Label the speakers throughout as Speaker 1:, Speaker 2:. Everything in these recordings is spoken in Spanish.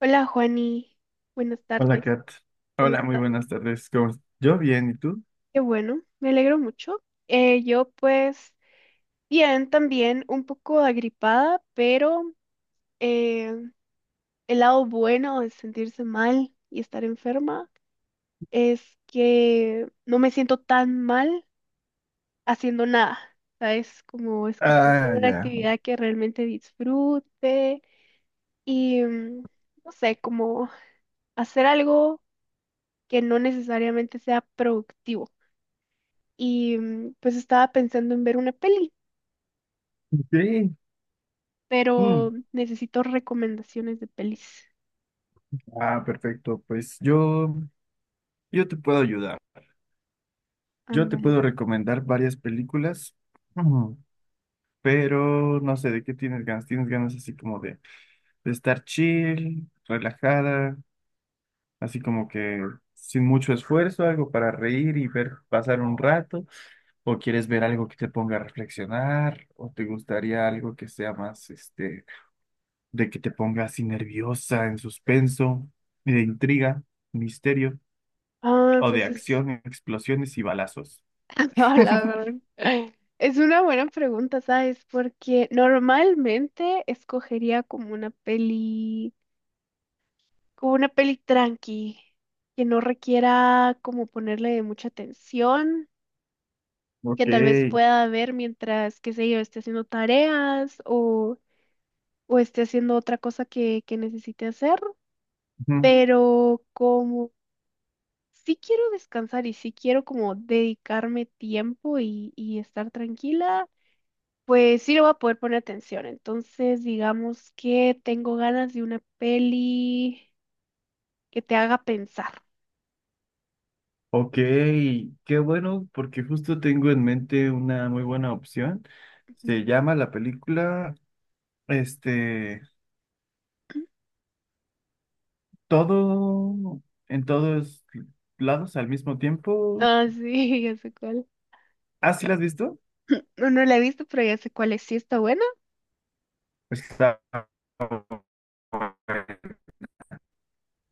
Speaker 1: Hola Juani, buenas
Speaker 2: Hola,
Speaker 1: tardes,
Speaker 2: Kat.
Speaker 1: ¿cómo
Speaker 2: Hola, muy
Speaker 1: estás?
Speaker 2: buenas tardes. ¿Cómo estás? Yo bien, ¿y tú?
Speaker 1: Qué bueno, me alegro mucho. Yo pues bien, también un poco agripada, pero eh, el lado bueno de sentirse mal y estar enferma es que no me siento tan mal haciendo nada, ¿sabes? Como escogiendo
Speaker 2: Ah,
Speaker 1: una
Speaker 2: ya.
Speaker 1: actividad que realmente disfrute y no sé, como hacer algo que no necesariamente sea productivo. Y pues estaba pensando en ver una peli,
Speaker 2: Sí. Mm.
Speaker 1: pero necesito recomendaciones de pelis.
Speaker 2: Ah, perfecto. Pues yo te puedo ayudar. Yo te
Speaker 1: Ándale.
Speaker 2: puedo recomendar varias películas, ujú, pero no sé de qué tienes ganas. ¿Tienes ganas así como de estar chill, relajada, así como que sin mucho esfuerzo, algo para reír y ver pasar un rato? ¿O quieres ver algo que te ponga a reflexionar? ¿O te gustaría algo que sea más, este, de que te ponga así nerviosa, en suspenso, de intriga, misterio,
Speaker 1: Ah,
Speaker 2: o de
Speaker 1: pues es...
Speaker 2: acción, explosiones y balazos?
Speaker 1: no, la verdad, es una buena pregunta, ¿sabes? Porque normalmente escogería como una peli tranqui, que no requiera como ponerle mucha atención, que
Speaker 2: Ok.
Speaker 1: tal vez pueda ver mientras, qué sé yo, esté haciendo tareas o esté haciendo otra cosa que necesite hacer.
Speaker 2: Ujú.
Speaker 1: Pero como sí quiero descansar y sí quiero como dedicarme tiempo y estar tranquila, pues sí lo voy a poder poner atención. Entonces, digamos que tengo ganas de una peli que te haga pensar.
Speaker 2: Ok, qué bueno, porque justo tengo en mente una muy buena opción.
Speaker 1: Ujú.
Speaker 2: Se llama la película, este, todo en todos lados al mismo tiempo.
Speaker 1: Ah, sí, ya sé cuál.
Speaker 2: ¿Ah, sí la has visto?
Speaker 1: No, no la he visto, pero ya sé cuál es. Sí está buena,
Speaker 2: Está.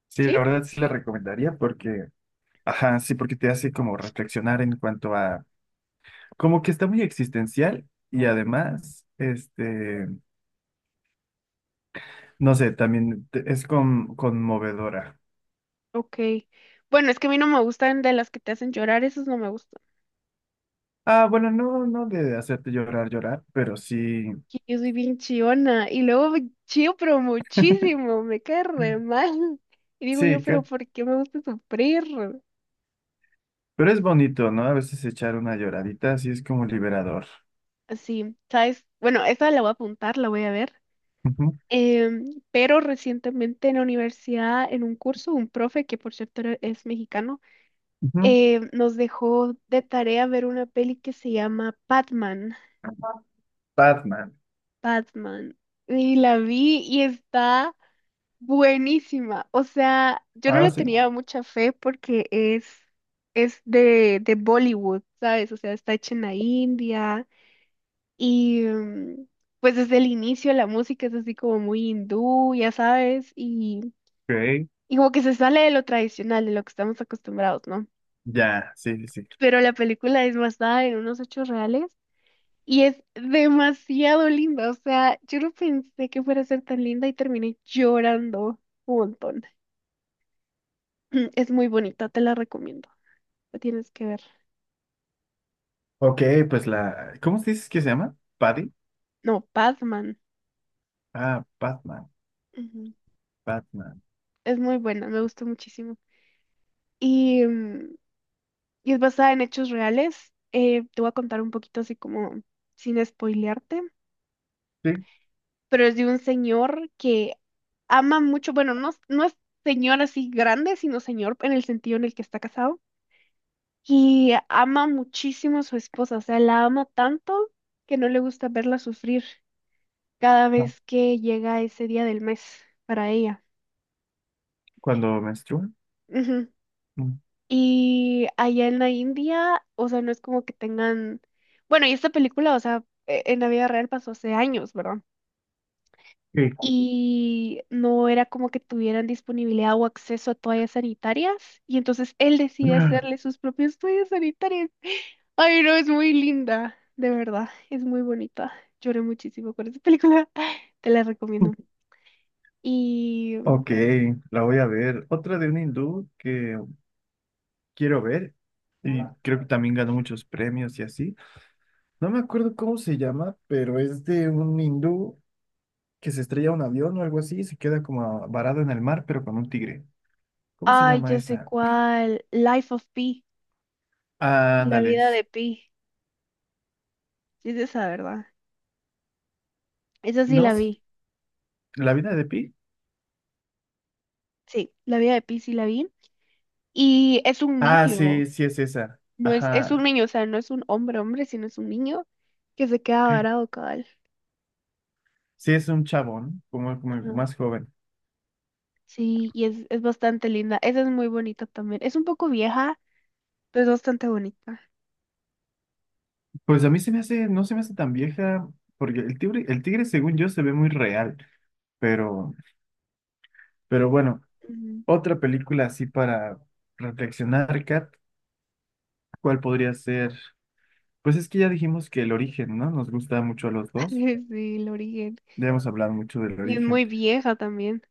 Speaker 2: Sí,
Speaker 1: ¿sí?
Speaker 2: la verdad sí la recomendaría porque, ajá, sí, porque te hace como reflexionar en cuanto a, como que está muy existencial y además, este, no sé, también es conmovedora.
Speaker 1: Ok. Bueno, es que a mí no me gustan de las que te hacen llorar, esas no me gustan.
Speaker 2: Ah, bueno, no, no de hacerte llorar, llorar, pero sí,
Speaker 1: Que yo soy bien chillona y luego me chío pero muchísimo, me cae re mal. Y digo yo,
Speaker 2: sí,
Speaker 1: pero
Speaker 2: ca-
Speaker 1: ¿por qué me gusta sufrir?
Speaker 2: pero es bonito, ¿no? A veces echar una lloradita, así es como liberador.
Speaker 1: Así, ¿sabes? Bueno, esta la voy a apuntar, la voy a ver.
Speaker 2: Ujú,
Speaker 1: Pero recientemente en la universidad, en un curso, un profe, que por cierto es mexicano,
Speaker 2: ujú.
Speaker 1: nos dejó de tarea ver una peli que se llama Batman.
Speaker 2: Batman.
Speaker 1: Batman. Y la vi y está... Buenísima. O sea, yo no
Speaker 2: Ah,
Speaker 1: le
Speaker 2: sí.
Speaker 1: tenía mucha fe porque es de Bollywood, ¿sabes? O sea, está hecha en la India y pues desde el inicio la música es así como muy hindú, ya sabes,
Speaker 2: Ok.
Speaker 1: y como que se sale de lo tradicional, de lo que estamos acostumbrados, ¿no?
Speaker 2: Ya, sí, sí, sí.
Speaker 1: Pero la película es basada en unos hechos reales y es demasiado linda. O sea, yo no pensé que fuera a ser tan linda y terminé llorando un montón. Es muy bonita, te la recomiendo. La tienes que ver.
Speaker 2: Ok, pues la, ¿cómo dices que se llama? ¿Paddy?
Speaker 1: No, Batman.
Speaker 2: Ah, Batman,
Speaker 1: Ujú.
Speaker 2: Batman.
Speaker 1: Es muy buena, me gustó muchísimo. Y, y es basada en hechos reales. Te voy a contar un poquito así como sin spoilearte,
Speaker 2: Sí.
Speaker 1: pero es de un señor que ama mucho, bueno, no, no es señor así grande, sino señor en el sentido en el que está casado. Y ama muchísimo a su esposa, o sea, la ama tanto que no le gusta verla sufrir cada vez que llega ese día del mes para ella.
Speaker 2: Cuando menstrua.
Speaker 1: Ujú. Y allá en la India, o sea, no es como que tengan, bueno, y esta película, o sea, en la vida real pasó hace años, ¿verdad?
Speaker 2: Ok.
Speaker 1: Y no era como que tuvieran disponibilidad o acceso a toallas sanitarias, y entonces él decide hacerle sus propias toallas sanitarias. Ay, no, es muy linda, de verdad, es muy bonita. Lloré muchísimo con esta película, te la recomiendo. Y,
Speaker 2: Ok, la voy a ver. Otra de un hindú que quiero ver y creo que también ganó muchos premios y así. No me acuerdo cómo se llama, pero es de un hindú que se estrella un avión o algo así y se queda como varado en el mar, pero con un tigre. ¿Cómo se
Speaker 1: ay,
Speaker 2: llama
Speaker 1: ya sé
Speaker 2: esa?
Speaker 1: cuál, Life of Pi, la vida
Speaker 2: Ándales.
Speaker 1: de Pi. Sí, es esa, ¿verdad? Esa sí
Speaker 2: ¿No?
Speaker 1: la vi.
Speaker 2: ¿La vida de Pi?
Speaker 1: Sí. La vida de Pi sí la vi. Y es un
Speaker 2: Ah,
Speaker 1: niño.
Speaker 2: sí, sí es esa.
Speaker 1: No es, es un
Speaker 2: Ajá.
Speaker 1: niño, o sea, no es un hombre hombre, sino es un niño que se queda varado, cabal.
Speaker 2: Sí es un chabón, como el
Speaker 1: Ajá.
Speaker 2: más joven.
Speaker 1: Sí, y es bastante linda. Esa es muy bonita también. Es un poco vieja, pero es bastante bonita.
Speaker 2: Pues a mí se me hace, no se me hace tan vieja, porque el tigre según yo se ve muy real, pero, pero bueno,
Speaker 1: Ujú.
Speaker 2: otra película así para reflexionar, Kat, ¿cuál podría ser? Pues es que ya dijimos que el origen, ¿no? Nos gusta mucho a los dos,
Speaker 1: Sí, el origen.
Speaker 2: debemos hablar mucho del
Speaker 1: Y es
Speaker 2: origen.
Speaker 1: muy vieja también.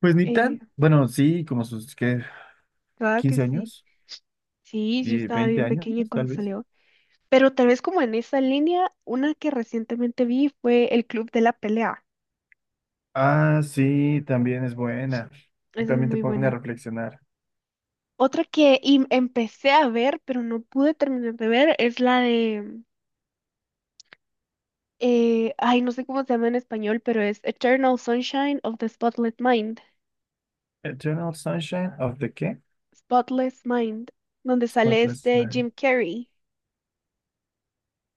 Speaker 2: Pues ni
Speaker 1: Eh,
Speaker 2: tan, bueno, sí, como sus, ¿qué?
Speaker 1: claro que
Speaker 2: quince
Speaker 1: sí.
Speaker 2: años,
Speaker 1: Sí, yo estaba
Speaker 2: Veinte
Speaker 1: bien
Speaker 2: años,
Speaker 1: pequeña cuando
Speaker 2: tal vez.
Speaker 1: salió. Pero tal vez como en esa línea, una que recientemente vi fue El Club de la Pelea.
Speaker 2: Ah, sí, también es buena,
Speaker 1: Esa es
Speaker 2: también te
Speaker 1: muy
Speaker 2: pone a
Speaker 1: buena.
Speaker 2: reflexionar.
Speaker 1: Otra que empecé a ver, pero no pude terminar de ver, es la de, ay, no sé cómo se llama en español, pero es Eternal Sunshine of the Spotless Mind,
Speaker 2: Eternal Sunshine of the, ¿qué?
Speaker 1: Spotless Mind, donde sale
Speaker 2: Spotless
Speaker 1: este
Speaker 2: Night.
Speaker 1: Jim Carrey.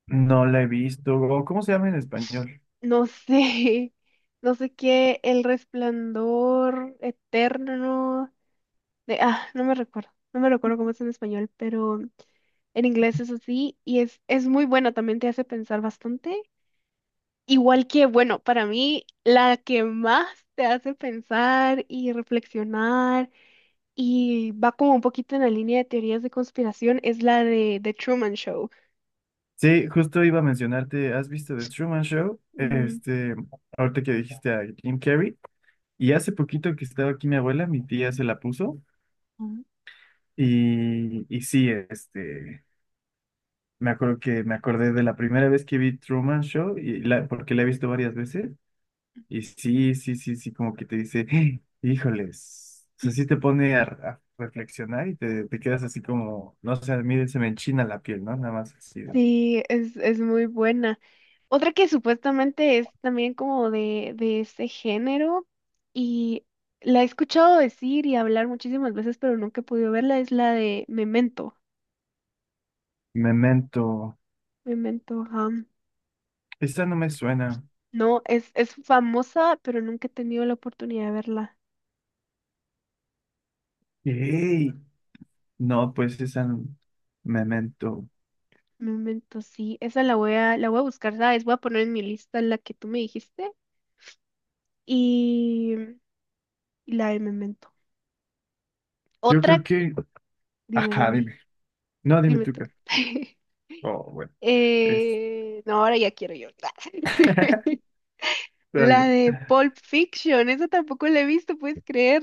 Speaker 2: No la he visto. ¿O cómo se llama en español?
Speaker 1: No sé, no sé qué, El Resplandor Eterno de, ah, no me recuerdo, no me recuerdo cómo es en español, pero en inglés es así y es muy buena, también te hace pensar bastante. Igual que, bueno, para mí la que más te hace pensar y reflexionar y va como un poquito en la línea de teorías de conspiración es la de The Truman Show.
Speaker 2: Sí, justo iba a mencionarte, ¿has visto The Truman Show?
Speaker 1: Ujú.
Speaker 2: Este, ahorita que dijiste a Jim Carrey. Y hace poquito que estaba aquí mi abuela, mi tía se la puso.
Speaker 1: Ujú.
Speaker 2: Y sí, este, me acuerdo que me acordé de la primera vez que vi Truman Show, y la, porque la he visto varias veces. Y sí, sí, sí, sí, como que te dice: híjoles". O sea, sí te pone a reflexionar y te quedas así como, no sé, a mí se me enchina la piel, ¿no? Nada más así.
Speaker 1: Sí, es muy buena. Otra que supuestamente es también como de ese género y la he escuchado decir y hablar muchísimas veces, pero nunca he podido verla, es la de Memento.
Speaker 2: Memento.
Speaker 1: Memento, ajá.
Speaker 2: Esta no me suena.
Speaker 1: No, es famosa, pero nunca he tenido la oportunidad de verla.
Speaker 2: Ey. No, pues esa no. Memento.
Speaker 1: Un momento, sí, esa la voy a buscar, ¿sabes? Voy a poner en mi lista la que tú me dijiste y, y la del Memento.
Speaker 2: Yo
Speaker 1: Otra,
Speaker 2: creo que.
Speaker 1: dime,
Speaker 2: Ajá,
Speaker 1: dime,
Speaker 2: dime. No, dime
Speaker 1: dime
Speaker 2: tú,
Speaker 1: tú.
Speaker 2: Kat. Oh, bueno. es-
Speaker 1: No, ahora ya quiero yo.
Speaker 2: Está
Speaker 1: La
Speaker 2: bien.
Speaker 1: de Pulp Fiction, esa tampoco la he visto, puedes creer.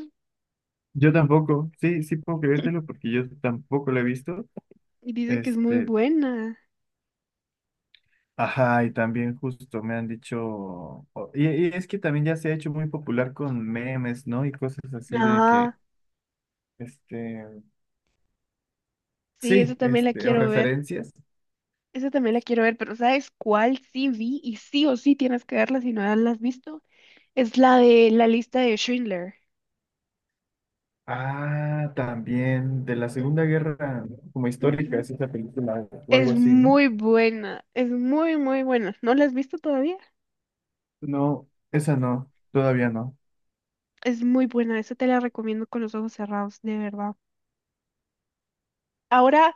Speaker 2: Yo tampoco. Sí, sí puedo creértelo porque yo tampoco lo he visto.
Speaker 1: Y dicen que es muy
Speaker 2: Este,
Speaker 1: buena.
Speaker 2: ajá, y también justo me han dicho. Y es que también ya se ha hecho muy popular con memes, ¿no? Y cosas así de que.
Speaker 1: Ah,
Speaker 2: Este.
Speaker 1: sí, esa
Speaker 2: Sí,
Speaker 1: también la
Speaker 2: este. O
Speaker 1: quiero ver.
Speaker 2: referencias.
Speaker 1: Esa también la quiero ver, pero ¿sabes cuál sí vi? Y sí o sí tienes que verla si no la has visto. Es la de la lista de Schindler.
Speaker 2: Ah, también de la Segunda Guerra, ¿no?, como histórica,
Speaker 1: Ujú.
Speaker 2: es esa película o
Speaker 1: Es
Speaker 2: algo así, ¿no?
Speaker 1: muy buena, es muy, muy buena. ¿No la has visto todavía?
Speaker 2: No, esa no, todavía no.
Speaker 1: Es muy buena, esa te la recomiendo con los ojos cerrados, de verdad. Ahora,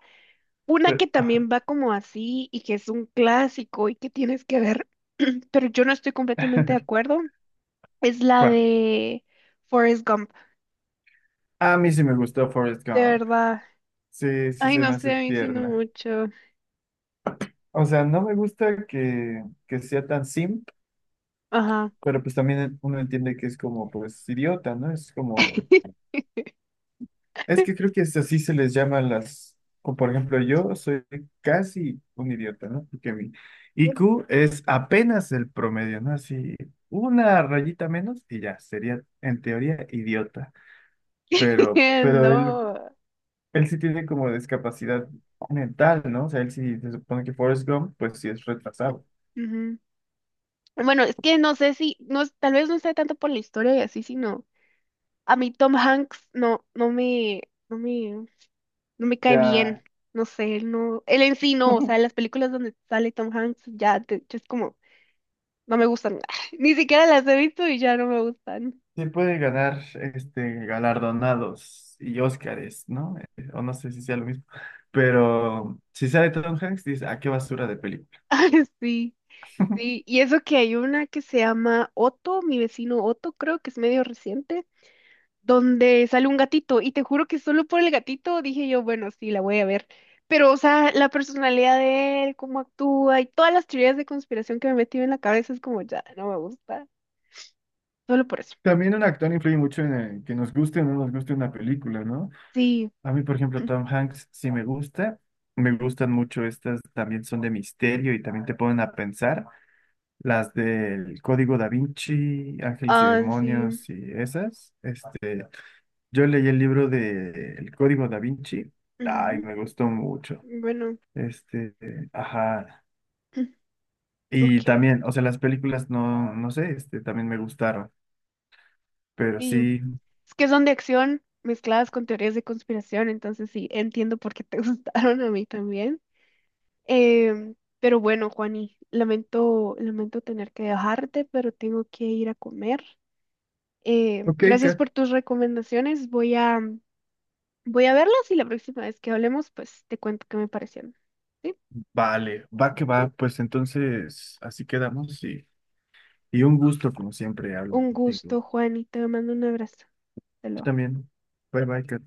Speaker 1: una
Speaker 2: Pero,
Speaker 1: que
Speaker 2: ajá.
Speaker 1: también va como así y que es un clásico y que tienes que ver, pero yo no estoy completamente de acuerdo, es la
Speaker 2: Crash.
Speaker 1: de Forrest Gump,
Speaker 2: A mí sí me gustó Forrest
Speaker 1: de
Speaker 2: Gump.
Speaker 1: verdad.
Speaker 2: Sí, sí
Speaker 1: Ay,
Speaker 2: se
Speaker 1: no
Speaker 2: me
Speaker 1: sé,
Speaker 2: hace
Speaker 1: a mí sí no
Speaker 2: tierna.
Speaker 1: mucho.
Speaker 2: O sea, no me gusta que, sea tan simp,
Speaker 1: Ajá.
Speaker 2: pero pues también uno entiende que es como, pues, idiota, ¿no? Es como. Es que creo que es así se les llama a las, como por ejemplo, yo soy casi un idiota, ¿no? Porque mi IQ es apenas el promedio, ¿no? Así, una rayita menos y ya, sería en teoría idiota. Pero él,
Speaker 1: No.
Speaker 2: él sí tiene como discapacidad mental, ¿no? O sea, él sí se supone que Forrest Gump, pues sí es retrasado.
Speaker 1: Ujú. Bueno, es que no sé si, no, tal vez no sea tanto por la historia y así, sino a mí Tom Hanks no, no me, no me, no me cae bien.
Speaker 2: Ya.
Speaker 1: No sé, él no, él en sí no, o sea, las películas donde sale Tom Hanks ya, yo es como, no me gustan. Ni siquiera las he visto y ya no me gustan.
Speaker 2: Se puede ganar este galardonados y Óscares, ¿no? O no sé si sea lo mismo. Pero si sale Tom Hanks, dice, ¿a qué basura de película?
Speaker 1: Sí, sí. Y eso que hay una que se llama Otto, mi vecino Otto, creo que es medio reciente. Donde sale un gatito y te juro que solo por el gatito dije yo, bueno, sí, la voy a ver. Pero, o sea, la personalidad de él, cómo actúa y todas las teorías de conspiración que me metí en la cabeza es como, ya, no me gusta. Solo por eso.
Speaker 2: También un actor influye mucho en el que nos guste o no nos guste una película, ¿no?
Speaker 1: Sí.
Speaker 2: A mí, por ejemplo, Tom Hanks sí me gusta. Me gustan mucho estas, también son de misterio y también te ponen a pensar. Las del Código Da Vinci, Ángeles y
Speaker 1: Ah, sí.
Speaker 2: Demonios y esas. Este, yo leí el libro de El Código Da Vinci. Ay,
Speaker 1: Ujú.
Speaker 2: me gustó mucho.
Speaker 1: Bueno,
Speaker 2: Este, ajá. Y
Speaker 1: ok,
Speaker 2: también, o sea, las películas no, no sé, este, también me gustaron. Pero
Speaker 1: sí.
Speaker 2: sí.
Speaker 1: Es que son de acción mezcladas con teorías de conspiración, entonces sí, entiendo por qué te gustaron a mí también. Em, pero bueno, Juani, lamento, lamento tener que dejarte, pero tengo que ir a comer.
Speaker 2: Ok,
Speaker 1: Gracias
Speaker 2: Kat.
Speaker 1: por tus recomendaciones. Voy a, voy a verlas y la próxima vez que hablemos, pues te cuento qué me parecieron. ¿Sí?
Speaker 2: Vale, va que va, pues entonces así quedamos, y un gusto como siempre hablar
Speaker 1: Un
Speaker 2: contigo.
Speaker 1: gusto, Juani. Te mando un abrazo. Hasta
Speaker 2: Yo
Speaker 1: luego.
Speaker 2: también. Bye bye, Kat.